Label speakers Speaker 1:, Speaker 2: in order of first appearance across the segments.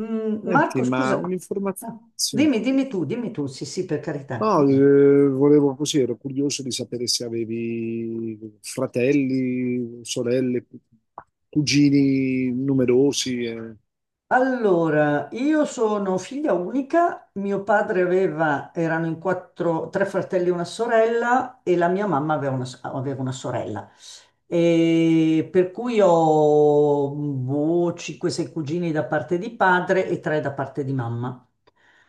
Speaker 1: Senti,
Speaker 2: Marco,
Speaker 1: ma
Speaker 2: scusa.
Speaker 1: un'informazione...
Speaker 2: Ah,
Speaker 1: Sì.
Speaker 2: dimmi, dimmi tu, sì, sì, per carità,
Speaker 1: No,
Speaker 2: dimmi.
Speaker 1: volevo così, ero curioso di sapere se avevi fratelli, sorelle, cugini numerosi.
Speaker 2: Allora, io sono figlia unica. Mio padre erano in quattro, tre fratelli e una sorella, e la mia mamma aveva una sorella. E per cui ho, boh, 5-6 cugini da parte di padre e 3 da parte di mamma.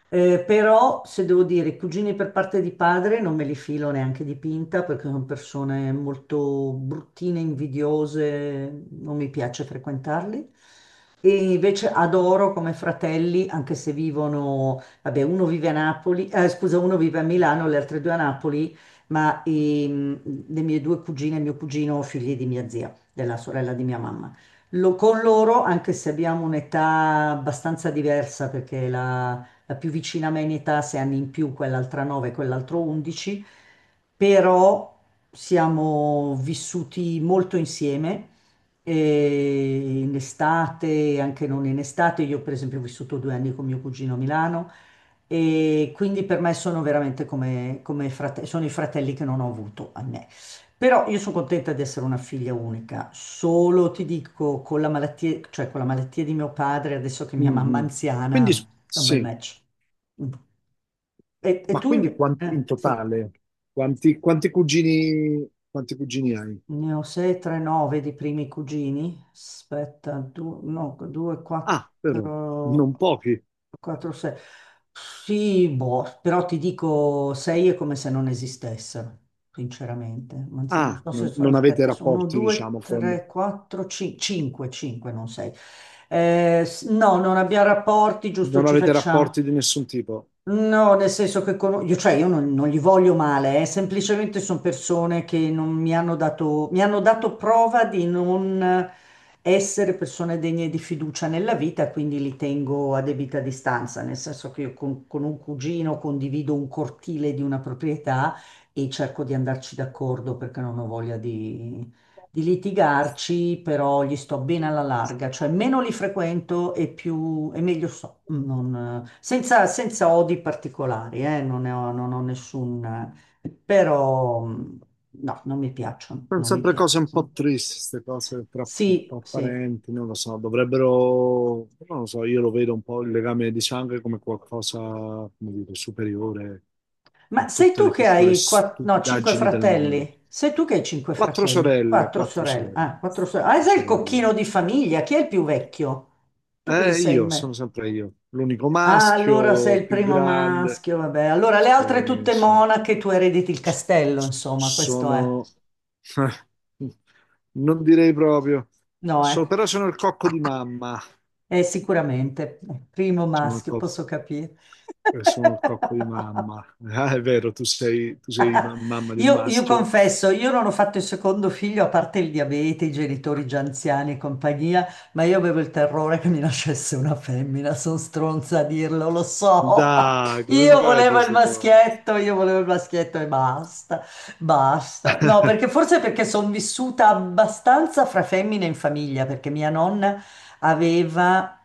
Speaker 2: Però, se devo dire, i cugini per parte di padre non me li filo neanche di pinta, perché sono persone molto bruttine, invidiose. Non mi piace frequentarli. E invece adoro come fratelli, anche se vivono, vabbè, uno vive a Napoli, scusa, uno vive a Milano, le altre due a Napoli, ma le mie due cugine e mio cugino, figli di mia zia, della sorella di mia mamma. Con loro, anche se abbiamo un'età abbastanza diversa, perché la più vicina a me in età ha 6 anni in più, quell'altra 9, quell'altro 11, però siamo vissuti molto insieme. E in estate, anche non in estate, io per esempio ho vissuto 2 anni con mio cugino a Milano, e quindi per me sono veramente come sono i fratelli che non ho avuto a me. Però io sono contenta di essere una figlia unica, solo ti dico, con la malattia, cioè con la malattia di mio padre, adesso che mia mamma è
Speaker 1: Mhm. Quindi,
Speaker 2: anziana, è un bel
Speaker 1: sì,
Speaker 2: match. E
Speaker 1: ma
Speaker 2: tu
Speaker 1: quindi
Speaker 2: invece?
Speaker 1: quanti, in
Speaker 2: Sì.
Speaker 1: totale, quanti cugini hai?
Speaker 2: Ne ho 6, 3, 9 di primi cugini. Aspetta, 2, no, 2, 4,
Speaker 1: Ah, però, non pochi.
Speaker 2: 4, 6. Sì, boh, però ti dico 6 è come se non esistessero, sinceramente. Anzi, non
Speaker 1: Ah,
Speaker 2: so se sono,
Speaker 1: non avete
Speaker 2: aspetta, sono
Speaker 1: rapporti,
Speaker 2: 2,
Speaker 1: diciamo, con...
Speaker 2: 3, 4, 5, 5, non 6. No, non abbiamo rapporti, giusto,
Speaker 1: Non
Speaker 2: ci
Speaker 1: avete
Speaker 2: facciamo.
Speaker 1: rapporti di nessun tipo.
Speaker 2: No, nel senso che io, cioè, io non, non gli voglio male, eh. Semplicemente sono persone che non mi hanno dato, mi hanno dato prova di non essere persone degne di fiducia nella vita, quindi li tengo a debita distanza, nel senso che io con un cugino condivido un cortile di una proprietà, e cerco di andarci d'accordo perché non ho voglia di litigarci, però gli sto bene alla larga, cioè meno li frequento e più e meglio so, senza odi particolari, non ne ho, non ho nessun, però no, non mi piacciono,
Speaker 1: Sono
Speaker 2: non mi
Speaker 1: sempre cose
Speaker 2: piacciono.
Speaker 1: un po' tristi, queste cose
Speaker 2: Sì,
Speaker 1: tra
Speaker 2: sì.
Speaker 1: parenti, non lo so, dovrebbero, non lo so, io lo vedo un po' il legame di sangue come qualcosa, come dire, superiore
Speaker 2: Ma
Speaker 1: a
Speaker 2: sei
Speaker 1: tutte
Speaker 2: tu
Speaker 1: le
Speaker 2: che
Speaker 1: piccole
Speaker 2: hai no, cinque
Speaker 1: stupidaggini del mondo.
Speaker 2: fratelli? Sei tu che hai cinque
Speaker 1: Quattro
Speaker 2: fratelli?
Speaker 1: sorelle,
Speaker 2: Quattro
Speaker 1: quattro
Speaker 2: sorelle.
Speaker 1: sorelle,
Speaker 2: Ah, quattro sorelle. Ah,
Speaker 1: quattro
Speaker 2: sei il cocchino
Speaker 1: sorelle.
Speaker 2: di
Speaker 1: Sì.
Speaker 2: famiglia. Chi è il più vecchio? Tu cosa sei in
Speaker 1: Sono
Speaker 2: me?
Speaker 1: sempre io, l'unico
Speaker 2: Ah, allora sei
Speaker 1: maschio,
Speaker 2: il
Speaker 1: più
Speaker 2: primo
Speaker 1: grande.
Speaker 2: maschio, vabbè. Allora le altre
Speaker 1: Sì,
Speaker 2: tutte
Speaker 1: sì.
Speaker 2: monache, tu erediti il
Speaker 1: S-
Speaker 2: castello, insomma, questo è.
Speaker 1: Sono... Non direi proprio.
Speaker 2: No, eh?
Speaker 1: Però sono il cocco di mamma.
Speaker 2: Sicuramente, primo
Speaker 1: Sono il,
Speaker 2: maschio,
Speaker 1: co-
Speaker 2: posso capire.
Speaker 1: sono il cocco di mamma. Ah, è vero, tu sei mamma di un
Speaker 2: Io
Speaker 1: maschio.
Speaker 2: confesso, io non ho fatto il secondo figlio, a parte il diabete, i genitori già anziani e compagnia, ma io avevo il terrore che mi nascesse una femmina. Sono stronza a dirlo, lo so.
Speaker 1: Dai, come
Speaker 2: Io
Speaker 1: fai a dire
Speaker 2: volevo il
Speaker 1: queste cose?
Speaker 2: maschietto, io volevo il maschietto, e basta, basta. No, perché forse perché sono vissuta abbastanza fra femmine in famiglia, perché mia nonna aveva...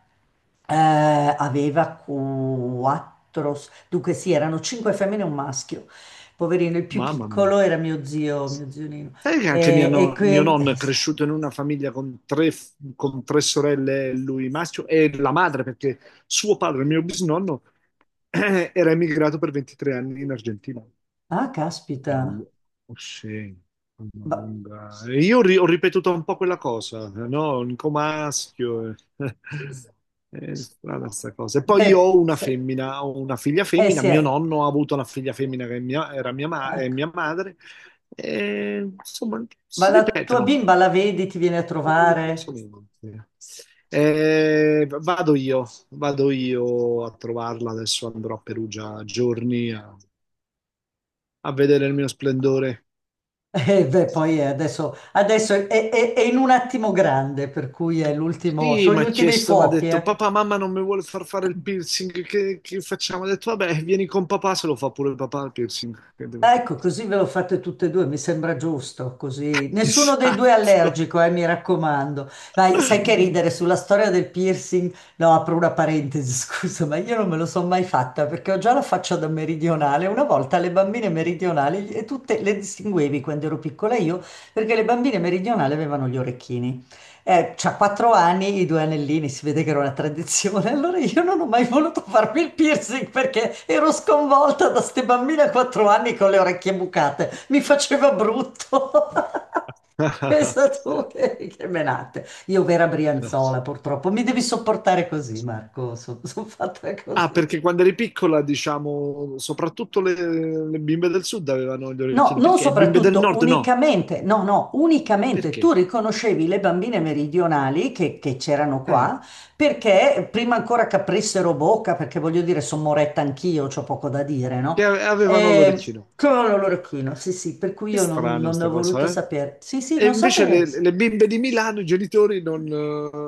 Speaker 2: Eh, aveva quattro, dunque sì, erano cinque femmine e un maschio poverino. Il più
Speaker 1: Mamma mia.
Speaker 2: piccolo era mio zio Nino.
Speaker 1: Sai che anche mia
Speaker 2: E
Speaker 1: no- mio
Speaker 2: quindi,
Speaker 1: nonno è cresciuto in una famiglia con con tre sorelle, lui maschio, e la madre, perché suo padre, mio bisnonno, era emigrato per 23 anni in Argentina.
Speaker 2: ah, caspita.
Speaker 1: Una lu- oh, sì, una
Speaker 2: Ma-
Speaker 1: lunga... E io ho ripetuto un po' quella cosa, no? Un comaschio. Eh. È strana sta cosa. E poi io
Speaker 2: Beh,
Speaker 1: ho una femmina, ho una figlia
Speaker 2: eh
Speaker 1: femmina.
Speaker 2: sì,
Speaker 1: Mio nonno ha avuto una figlia femmina che è era mia, è
Speaker 2: ecco.
Speaker 1: mia madre. E, insomma,
Speaker 2: Ma
Speaker 1: si
Speaker 2: la tua
Speaker 1: ripetono.
Speaker 2: bimba la vedi, ti viene a trovare?
Speaker 1: Curiosamente. Eh, vado io, vado io a trovarla. Adesso andrò a Perugia a giorni a vedere il mio splendore.
Speaker 2: E beh, poi adesso è in un attimo grande, per cui è l'ultimo,
Speaker 1: Sì,
Speaker 2: sono gli ultimi
Speaker 1: mi ha
Speaker 2: fuochi,
Speaker 1: detto,
Speaker 2: eh.
Speaker 1: papà, mamma non mi vuole far fare il piercing, che facciamo? Ho detto, vabbè, vieni con papà, se lo fa pure papà il piercing, che devo fare?
Speaker 2: Ecco, così ve lo fate tutte e due, mi sembra giusto, così. Nessuno dei due è
Speaker 1: Esatto.
Speaker 2: allergico, mi raccomando. Vai, sai che ridere sulla storia del piercing? No, apro una parentesi, scusa, ma io non me lo sono mai fatta perché ho già la faccia da meridionale. Una volta, le bambine meridionali, e tutte le distinguevi quando ero piccola io, perché le bambine meridionali avevano gli orecchini. C'ha 4 anni, i due anellini, si vede che era una tradizione. Allora io non ho mai voluto farmi il piercing perché ero sconvolta da ste bambine a 4 anni con le orecchie bucate. Mi faceva brutto. Pensa tu che menate. Io vera Brianzola, purtroppo. Mi devi sopportare così, Marco. Sono fatta
Speaker 1: Ah,
Speaker 2: così.
Speaker 1: perché quando eri piccola, diciamo, soprattutto le bimbe del sud avevano gli
Speaker 2: No,
Speaker 1: orecchini,
Speaker 2: non
Speaker 1: perché le bimbe del
Speaker 2: soprattutto,
Speaker 1: nord no?
Speaker 2: unicamente. No, no,
Speaker 1: Ma
Speaker 2: unicamente tu
Speaker 1: perché?
Speaker 2: riconoscevi le bambine meridionali che c'erano
Speaker 1: Eh,
Speaker 2: qua, perché prima ancora che aprissero bocca, perché voglio dire, sono moretta anch'io, c'ho poco da dire, no?
Speaker 1: che avevano l'orecchino.
Speaker 2: Con l'orecchino, sì, sì, per cui
Speaker 1: Che
Speaker 2: io non,
Speaker 1: strano
Speaker 2: non ne
Speaker 1: sta
Speaker 2: ho voluto
Speaker 1: cosa, eh?
Speaker 2: sapere. Sì, sì,
Speaker 1: E
Speaker 2: non so
Speaker 1: invece
Speaker 2: per...
Speaker 1: le bimbe di Milano, i genitori non,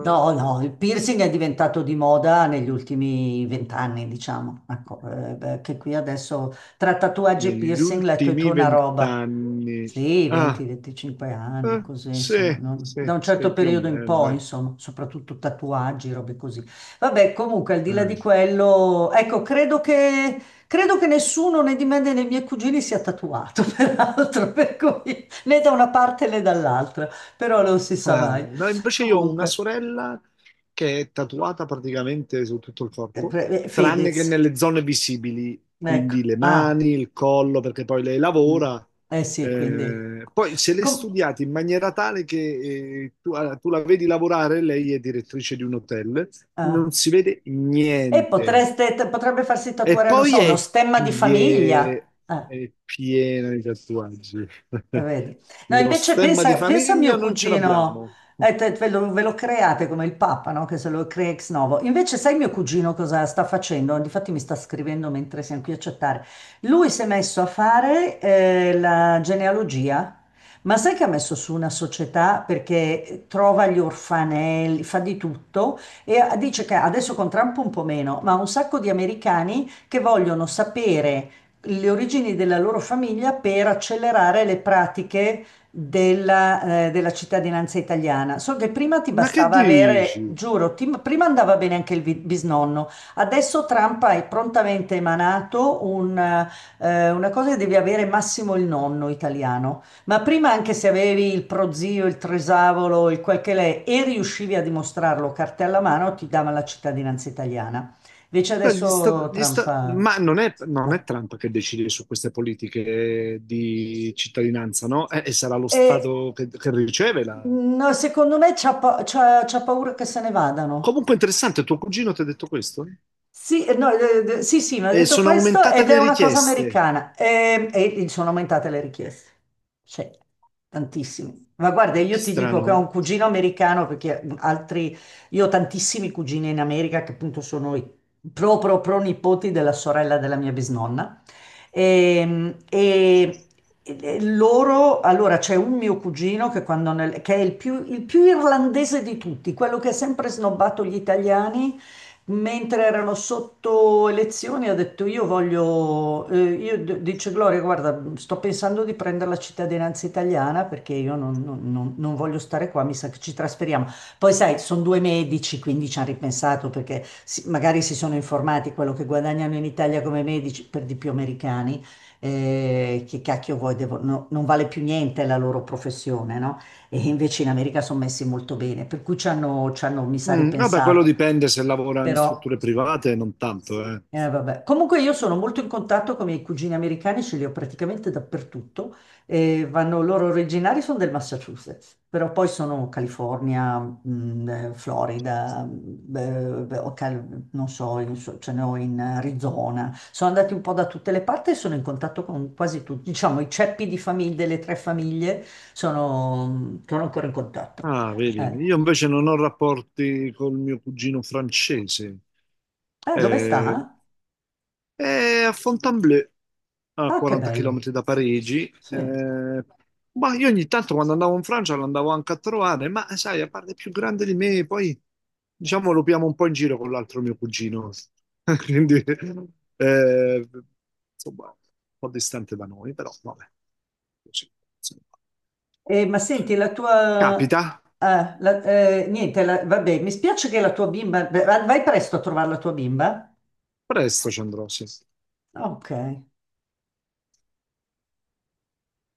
Speaker 2: No, no, il piercing è diventato di moda negli ultimi vent'anni, diciamo, ecco, beh, che qui adesso tra tatuaggi e
Speaker 1: negli
Speaker 2: piercing letto e tu
Speaker 1: ultimi
Speaker 2: una roba.
Speaker 1: vent'anni.
Speaker 2: Sì,
Speaker 1: Ah,
Speaker 2: 20-25 anni,
Speaker 1: eh,
Speaker 2: così,
Speaker 1: sì,
Speaker 2: insomma, da un certo
Speaker 1: sì, più o
Speaker 2: periodo in
Speaker 1: meno,
Speaker 2: poi,
Speaker 1: dai.
Speaker 2: insomma, soprattutto tatuaggi, robe così. Vabbè, comunque, al di là
Speaker 1: Eh.
Speaker 2: di quello, ecco, credo che nessuno né di me né dei miei cugini sia tatuato, peraltro, per cui né da una parte né dall'altra, però non si sa
Speaker 1: Ah,
Speaker 2: mai.
Speaker 1: no, invece io ho una
Speaker 2: Comunque.
Speaker 1: sorella che è tatuata praticamente su tutto il corpo, tranne che
Speaker 2: Fedez,
Speaker 1: nelle zone visibili,
Speaker 2: ecco.
Speaker 1: quindi le
Speaker 2: Ah,
Speaker 1: mani, il collo, perché poi lei
Speaker 2: mm.
Speaker 1: lavora.
Speaker 2: Eh sì, quindi...
Speaker 1: Poi se l'è
Speaker 2: Com-
Speaker 1: studiata in maniera tale che tu la vedi lavorare, lei è direttrice di un hotel,
Speaker 2: ah.
Speaker 1: non si vede
Speaker 2: E
Speaker 1: niente.
Speaker 2: potreste, potrebbe farsi
Speaker 1: E
Speaker 2: tatuare, non so, uno stemma di famiglia.
Speaker 1: pie- è piena di tatuaggi.
Speaker 2: Vedi. No,
Speaker 1: Lo
Speaker 2: invece
Speaker 1: stemma di
Speaker 2: pensa, pensa a mio
Speaker 1: famiglia non ce
Speaker 2: cugino,
Speaker 1: l'abbiamo.
Speaker 2: ve lo create come il Papa, no? Che se lo crea ex novo. Invece sai mio cugino cosa sta facendo? Difatti mi sta scrivendo mentre siamo qui a chattare. Lui si è messo a fare la genealogia, ma sai che ha messo su una società perché trova gli orfanelli, fa di tutto, e dice che adesso con Trump un po' meno, ma un sacco di americani che vogliono sapere le origini della loro famiglia per accelerare le pratiche della cittadinanza italiana. So che prima ti
Speaker 1: Ma che
Speaker 2: bastava avere,
Speaker 1: dici?
Speaker 2: giuro, prima andava bene anche il bisnonno. Adesso Trump ha prontamente emanato una cosa, che devi avere massimo il nonno italiano. Ma prima, anche se avevi il prozio, il tresavolo, il quel che l'è, e riuscivi a dimostrarlo cartella a mano, ti dava la cittadinanza italiana. Invece
Speaker 1: Cioè,
Speaker 2: adesso Trump ha
Speaker 1: ma non è, non
Speaker 2: ha
Speaker 1: è Trump che decide su queste politiche di cittadinanza, no? E sarà lo
Speaker 2: E,
Speaker 1: Stato che riceve la...
Speaker 2: no, secondo me c'ha paura che se ne vadano.
Speaker 1: Comunque interessante, tuo cugino ti ha detto questo?
Speaker 2: Sì, no, sì, sì, mi ha
Speaker 1: E
Speaker 2: detto
Speaker 1: sono
Speaker 2: questo,
Speaker 1: aumentate
Speaker 2: ed è
Speaker 1: le
Speaker 2: una cosa
Speaker 1: richieste.
Speaker 2: americana. E sono aumentate le richieste. Sì, tantissimi. Ma guarda,
Speaker 1: Che
Speaker 2: io ti dico
Speaker 1: strano,
Speaker 2: che
Speaker 1: eh?
Speaker 2: ho un cugino americano perché altri, io ho tantissimi cugini in America, che appunto sono i pro pro pro nipoti della sorella della mia bisnonna. E, e- e loro, allora c'è un mio cugino che, che è il più irlandese di tutti, quello che ha sempre snobbato gli italiani, mentre erano sotto elezioni, ha detto: Io voglio. Io d- dice Gloria, guarda, sto pensando di prendere la cittadinanza italiana, perché io non, non- non- non voglio stare qua, mi sa che ci trasferiamo. Poi, sai, sono due medici, quindi ci hanno ripensato, perché magari si sono informati quello che guadagnano in Italia come medici, per di più americani. Eh, che cacchio vuoi, no, non vale più niente la loro professione, no? E invece in America sono messi molto bene, per cui ci hanno, mi sa,
Speaker 1: Mm, vabbè, quello
Speaker 2: ripensato.
Speaker 1: dipende se lavora in
Speaker 2: Però.
Speaker 1: strutture private, non tanto, eh.
Speaker 2: Vabbè. Comunque, io sono molto in contatto con i miei cugini americani, ce li ho praticamente dappertutto. E vanno, loro originari sono del Massachusetts, però poi sono California, Florida, beh, o non so, ce ne ho in Arizona. Sono andati un po' da tutte le parti, e sono in contatto con quasi tutti. Diciamo, i ceppi di famiglie, delle tre famiglie, sono ancora in contatto.
Speaker 1: Ah, vedi,
Speaker 2: Eh.
Speaker 1: io invece non ho rapporti col mio cugino francese.
Speaker 2: Ah, dove
Speaker 1: Eh,
Speaker 2: sta?
Speaker 1: è a Fontainebleau, a
Speaker 2: Ah, che
Speaker 1: 40
Speaker 2: bello.
Speaker 1: km da Parigi.
Speaker 2: Sì.
Speaker 1: Ma io ogni tanto quando andavo in Francia l'andavo anche a trovare, ma sai, a parte è più grande di me, poi diciamo lo piamo un po' in giro con l'altro mio cugino. Quindi, eh, insomma, un po' distante da noi, però vabbè. Così, insomma.
Speaker 2: Ma senti, la tua...
Speaker 1: Capita,
Speaker 2: ah, niente, vabbè, mi spiace che la tua bimba... Vai presto a trovare la tua bimba?
Speaker 1: presto ci andrò, sì.
Speaker 2: Ok.